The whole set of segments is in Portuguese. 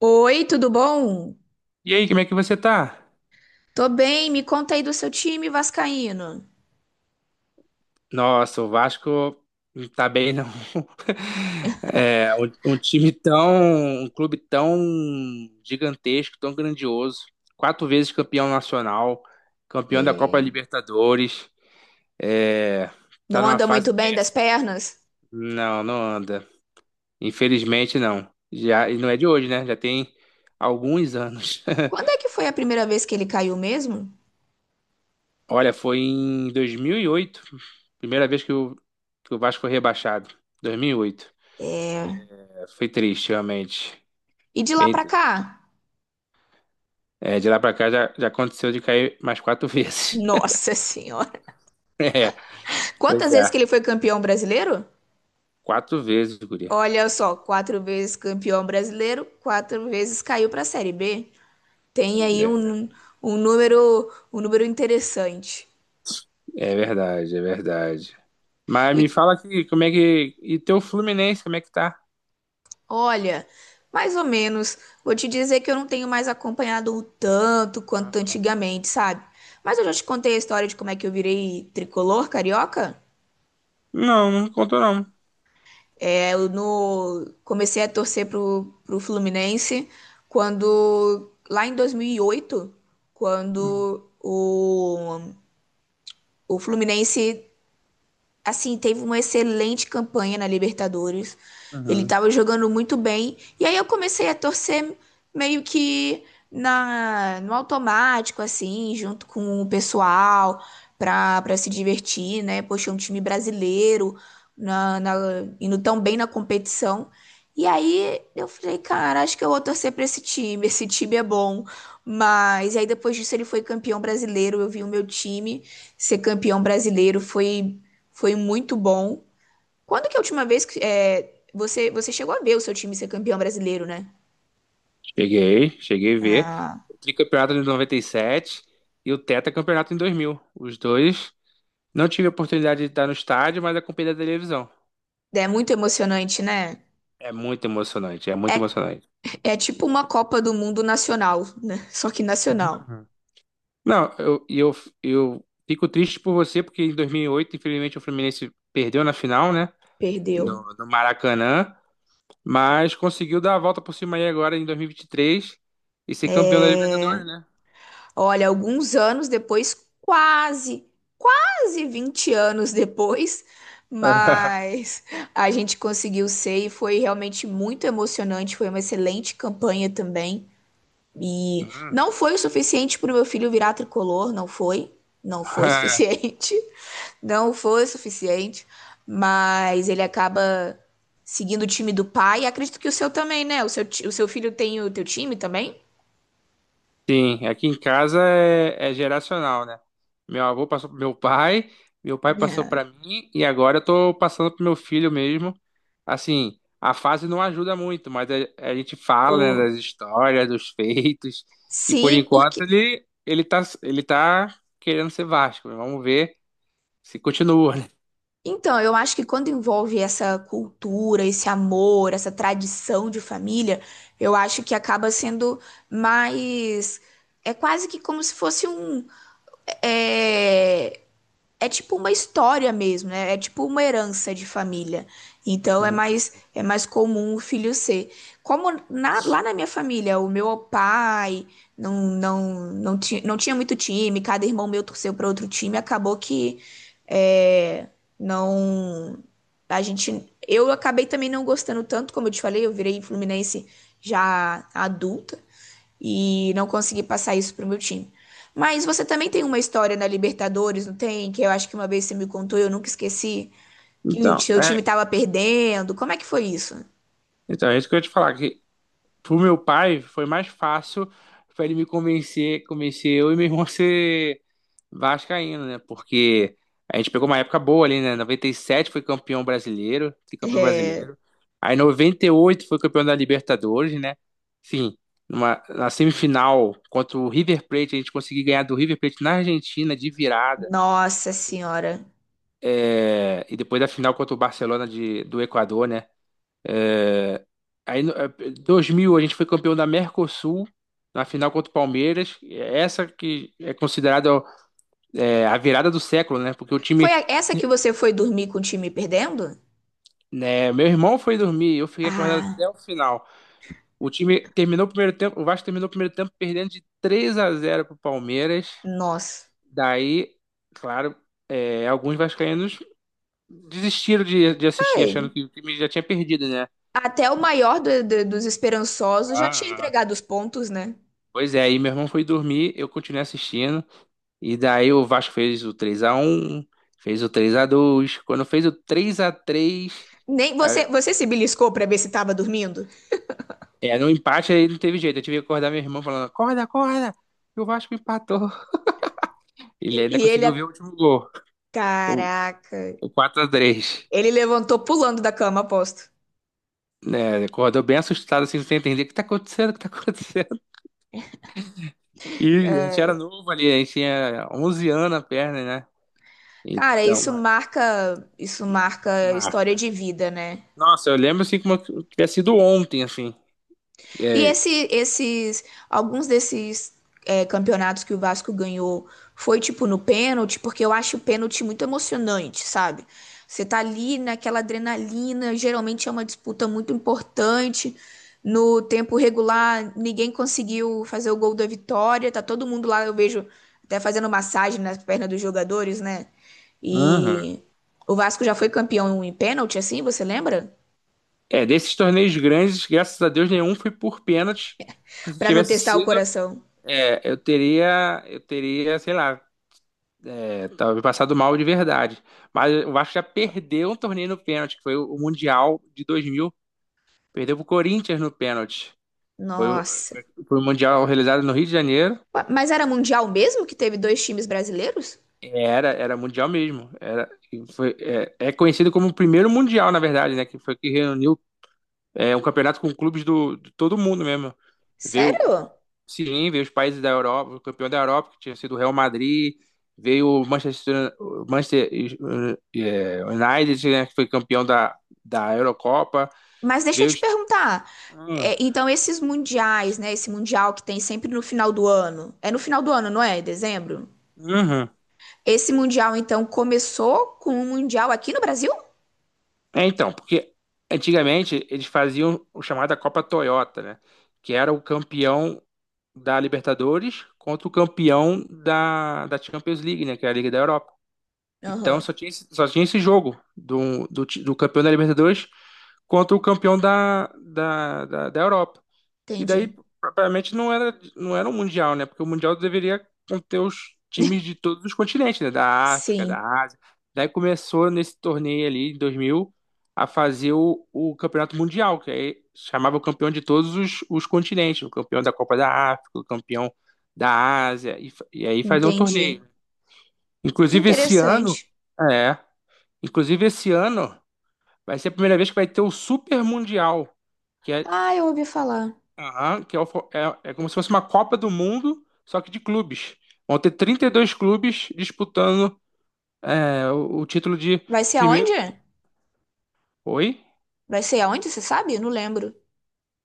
Oi, tudo bom? E aí, como é que você tá? Tô bem, me conta aí do seu time vascaíno. Nossa, o Vasco não tá bem, não. É, um time tão, um clube tão gigantesco, tão grandioso. Quatro vezes campeão nacional, campeão da Copa É. Libertadores. É, tá Não numa anda fase muito bem das péssima. pernas? Não, não anda. Infelizmente, não. Já, e não é de hoje, né? Já tem alguns anos. Quando é que foi a primeira vez que ele caiu mesmo? Olha, foi em 2008, primeira vez que o Vasco foi rebaixado. 2008. É. Foi triste, realmente. E de lá Bem pra triste. cá? É, de lá pra cá já aconteceu de cair mais quatro vezes. Nossa Senhora! É, pois Quantas vezes que é. ele foi campeão brasileiro? Quatro vezes, guria. Olha só, quatro vezes campeão brasileiro, quatro vezes caiu pra Série B. Tem aí É, um número interessante. é verdade, é verdade. Mas me E fala aqui, como é que. E teu Fluminense, como é que tá? olha, mais ou menos. Vou te dizer que eu não tenho mais acompanhado o tanto quanto Aham. antigamente, sabe? Mas eu já te contei a história de como é que eu virei tricolor carioca. Não, não contou não. É, eu no... comecei a torcer pro Fluminense quando, lá em 2008, Uhum. quando o Fluminense, assim, teve uma excelente campanha na Libertadores. Ele Uhum. estava jogando muito bem. E aí eu comecei a torcer meio que no automático, assim, junto com o pessoal, pra se divertir, né? Poxa, é um time brasileiro, na, na, indo tão bem na competição. E aí eu falei, cara, acho que eu vou torcer pra esse time é bom. Mas aí depois disso ele foi campeão brasileiro, eu vi o meu time ser campeão brasileiro, foi muito bom. Quando que é a última vez você chegou a ver o seu time ser campeão brasileiro, né? Cheguei, cheguei a ver. Ah, O tricampeonato de 97 e sete e o tetracampeonato em 2000. Os dois. Não tive a oportunidade de estar no estádio, mas acompanhei da televisão. é muito emocionante, né? É muito emocionante, é muito É, emocionante. é tipo uma Copa do Mundo nacional, né? Só que nacional. Não, eu fico triste por você, porque em 2008, infelizmente, o Fluminense perdeu na final, né? Perdeu. No Maracanã, mas conseguiu dar a volta por cima aí agora em 2023 e 23 e ser campeão da Libertadores, né? Olha, alguns anos depois, quase, quase 20 anos depois, mas a gente conseguiu ser e foi realmente muito emocionante. Foi uma excelente campanha também. E não Uhum. foi o suficiente para o meu filho virar tricolor, não foi. Não foi suficiente. Não foi suficiente. Mas ele acaba seguindo o time do pai. E acredito que o seu também, né? O seu, ti- o seu filho tem o teu time também? Sim, aqui em casa é geracional, né? Meu avô passou pro meu pai passou É. pra mim e agora eu tô passando pro meu filho mesmo. Assim, a fase não ajuda muito, mas a gente fala, né, O... das histórias, dos feitos e por Sim, enquanto porque. ele tá querendo ser Vasco. Vamos ver se continua, né? Então, eu acho que quando envolve essa cultura, esse amor, essa tradição de família, eu acho que acaba sendo mais. É quase que como se fosse um. É... é tipo uma história mesmo, né? É tipo uma herança de família. Então é Uhum. mais comum o filho ser. Como na- lá na minha família, o meu pai não tinha muito time, cada irmão meu torceu para outro time, acabou que é, não. A gente, eu acabei também não gostando tanto, como eu te falei, eu virei Fluminense já adulta e não consegui passar isso pro meu time. Mas você também tem uma história na Libertadores, não tem? Que eu acho que uma vez você me contou, e eu nunca esqueci, que o Então, seu time é, tava perdendo. Como é que foi isso? então é isso que eu ia te falar que pro meu pai foi mais fácil para ele me convencer, convencer eu e meu irmão a ser vascaíno, né? Porque a gente pegou uma época boa ali, né? 97 foi campeão brasileiro, tricampeão É, brasileiro. Aí 98 foi campeão da Libertadores, né? Enfim, na semifinal contra o River Plate, a gente conseguiu ganhar do River Plate na Argentina de virada, nossa assim. senhora. É, e depois da final contra o Barcelona do Equador, né? É, aí, 2000, a gente foi campeão da Mercosul, na final contra o Palmeiras. Essa que é considerada a virada do século, né? Porque o Foi time, a- essa que você foi dormir com o time perdendo? né, meu irmão foi dormir, eu fiquei acordado até Ah, o final. O time terminou o primeiro tempo, o Vasco terminou o primeiro tempo perdendo de três a 0 pro Palmeiras. nossa. Daí, claro, alguns vascaínos desistiram de assistir, achando Ai, que o time já tinha perdido, né? até o Mas- maior dos ah, esperançosos já tinha ah. ah. entregado os pontos, né? Pois é, aí meu irmão foi dormir, eu continuei assistindo. E daí o Vasco fez o 3-1, fez o 3-2. Quando fez o 3-3, Nem você, a- você se beliscou pra ver se tava dormindo? No empate aí não teve jeito. Eu tive que acordar meu irmão falando: acorda, acorda, que o Vasco empatou. Ele ainda E ele, conseguiu ver o último gol, o, caraca, o 4x3. ele levantou pulando da cama, aposto. Né, acordou bem assustado, assim, sem entender o que tá acontecendo, o que tá acontecendo. E a gente era novo ali, a gente tinha 11 anos na perna, né? Cara, Então, isso marca história marca. de vida, né? Nossa, eu lembro assim como tivesse sido ontem, assim. E É, alguns desses campeonatos que o Vasco ganhou foi tipo no pênalti, porque eu acho o pênalti muito emocionante, sabe? Você tá ali naquela adrenalina, geralmente é uma disputa muito importante. No tempo regular, ninguém conseguiu fazer o gol da vitória, tá todo mundo lá, eu vejo até fazendo massagem nas pernas dos jogadores, né? uhum. E o Vasco já foi campeão em pênalti, assim, você lembra? É, desses torneios grandes, graças a Deus, nenhum foi por pênalti. Porque se Pra não tivesse testar o sido, coração. Eu teria, sei lá, talvez passado mal de verdade. Mas o Vasco já perdeu um torneio no pênalti, que foi o Mundial de 2000. Perdeu pro Corinthians no pênalti. Foi, o- Nossa. foi, foi o Mundial realizado no Rio de Janeiro. Ué, mas era mundial mesmo que teve dois times brasileiros? É, Era Mundial mesmo. Era, e foi, é conhecido como o primeiro Mundial, na verdade, né? Que foi que reuniu um campeonato com clubes de todo mundo mesmo. Veio Sério? Sim, veio os países da Europa, o campeão da Europa, que tinha sido o Real Madrid, veio o Manchester eh, United, né, que foi campeão da Eurocopa, Mas deixa eu veio te os... perguntar. Ah, É, então, esses mundiais, né? Esse mundial que tem sempre no final do ano. É no final do ano, não é? Em dezembro? uhum. Esse mundial, então, começou com um mundial aqui no Brasil? É, então, porque antigamente eles faziam o chamada Copa Toyota, né, que era o campeão da Libertadores contra o campeão da Champions League, né, que é a Liga da Europa. Então Aham, só tinha, só tinha esse jogo do campeão da Libertadores contra o campeão da Europa. E entendi. daí, propriamente, não era um Mundial, né? Porque o Mundial deveria conter os times de todos os continentes, né? Da África, da Sim, Ásia. Daí começou nesse torneio ali, em 2000, a fazer o Campeonato Mundial, que aí chamava o campeão de todos os continentes, o campeão da Copa da África, o campeão da Ásia, e, e aí fazer um torneio. entendi. Que Inclusive, esse ano. interessante. É. Inclusive, esse ano vai ser a primeira vez que vai ter o Super Mundial, que é, Ah, eu ouvi falar. aham, que é, é como se fosse uma Copa do Mundo, só que de clubes. Vão ter 32 clubes disputando o título de Vai ser primeiro. aonde? Oi? Vai ser aonde, você sabe? Eu não lembro.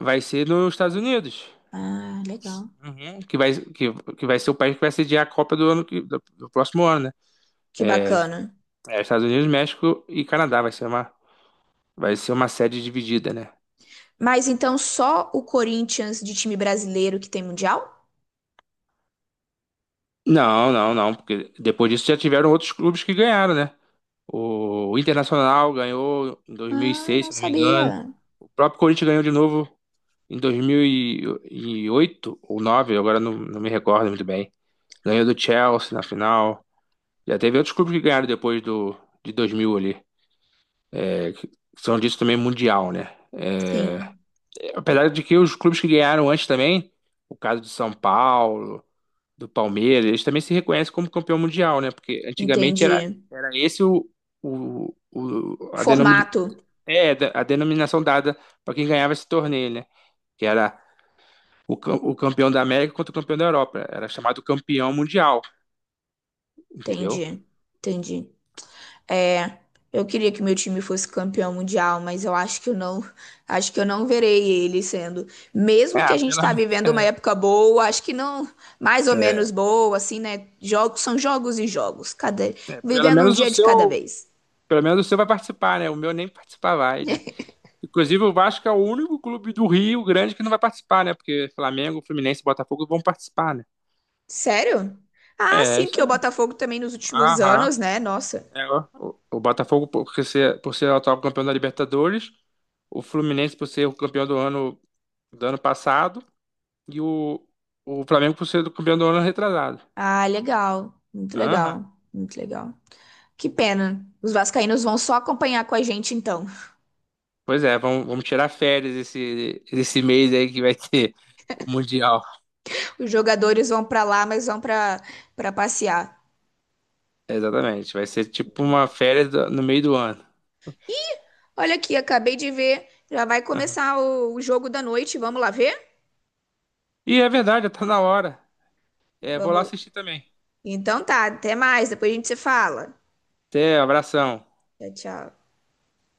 Vai ser nos Estados Unidos. Ah, legal. Uhum. Que vai ser o país que vai sediar a Copa do ano do próximo ano, né? Que É, bacana. é Estados Unidos, México e Canadá. Vai ser uma sede dividida, né? Mas então só o Corinthians de time brasileiro que tem mundial? Não, não, não, porque depois disso já tiveram outros clubes que ganharam, né? O Internacional ganhou em Ah, 2006, não se não me engano. sabia. O próprio Corinthians ganhou de novo em 2008 ou 2009, agora não me recordo muito bem. Ganhou do Chelsea na final. Já teve outros clubes que ganharam depois de 2000 ali. É, que são disso também mundial, né? É, Sim, apesar de que os clubes que ganharam antes também, o caso de São Paulo, do Palmeiras, eles também se reconhecem como campeão mundial, né? Porque antigamente era, entendi. era esse o, o- a denom- Formato, a denominação dada para quem ganhava esse torneio, né? Que era o campeão da América contra o campeão da Europa. Era chamado campeão mundial, entendeu? entendi, entendi. É, eu queria que meu time fosse campeão mundial, mas eu acho que eu não, acho que eu não verei ele sendo. Mesmo que É, a gente tá vivendo uma época boa, acho que não, mais ou É. menos boa, assim, né? Jogos são jogos e jogos, cada, é, pelo vivendo um menos o dia de cada seu, vez. pelo menos o seu vai participar, né? O meu nem participar vai, né? Inclusive o Vasco é o único clube do Rio Grande que não vai participar, né? Porque Flamengo, Fluminense e Botafogo vão participar, né? Sério? Ah, É, é sim, isso porque o aí. Botafogo também nos últimos Aham. anos, né? Nossa. É, ó. o Botafogo por ser o atual campeão da Libertadores, o Fluminense por ser o campeão do ano, do ano passado. E o Flamengo por ser do campeão do ano retrasado. Ah, legal. Muito Aham. legal. Muito legal. Que pena. Os vascaínos vão só acompanhar com a gente, então. Pois é, vamos tirar férias esse mês aí que vai ter o Mundial. Os jogadores vão pra lá, mas vão pra para passear. Exatamente, vai ser tipo uma férias no meio do ano. Olha aqui, acabei de ver. Já vai Aham. começar o jogo da noite. Vamos lá ver? E é verdade, tá na hora. É, vou lá Vamos. assistir também. Então tá, até mais. Depois a gente se fala. Até, abração. Tchau, tchau.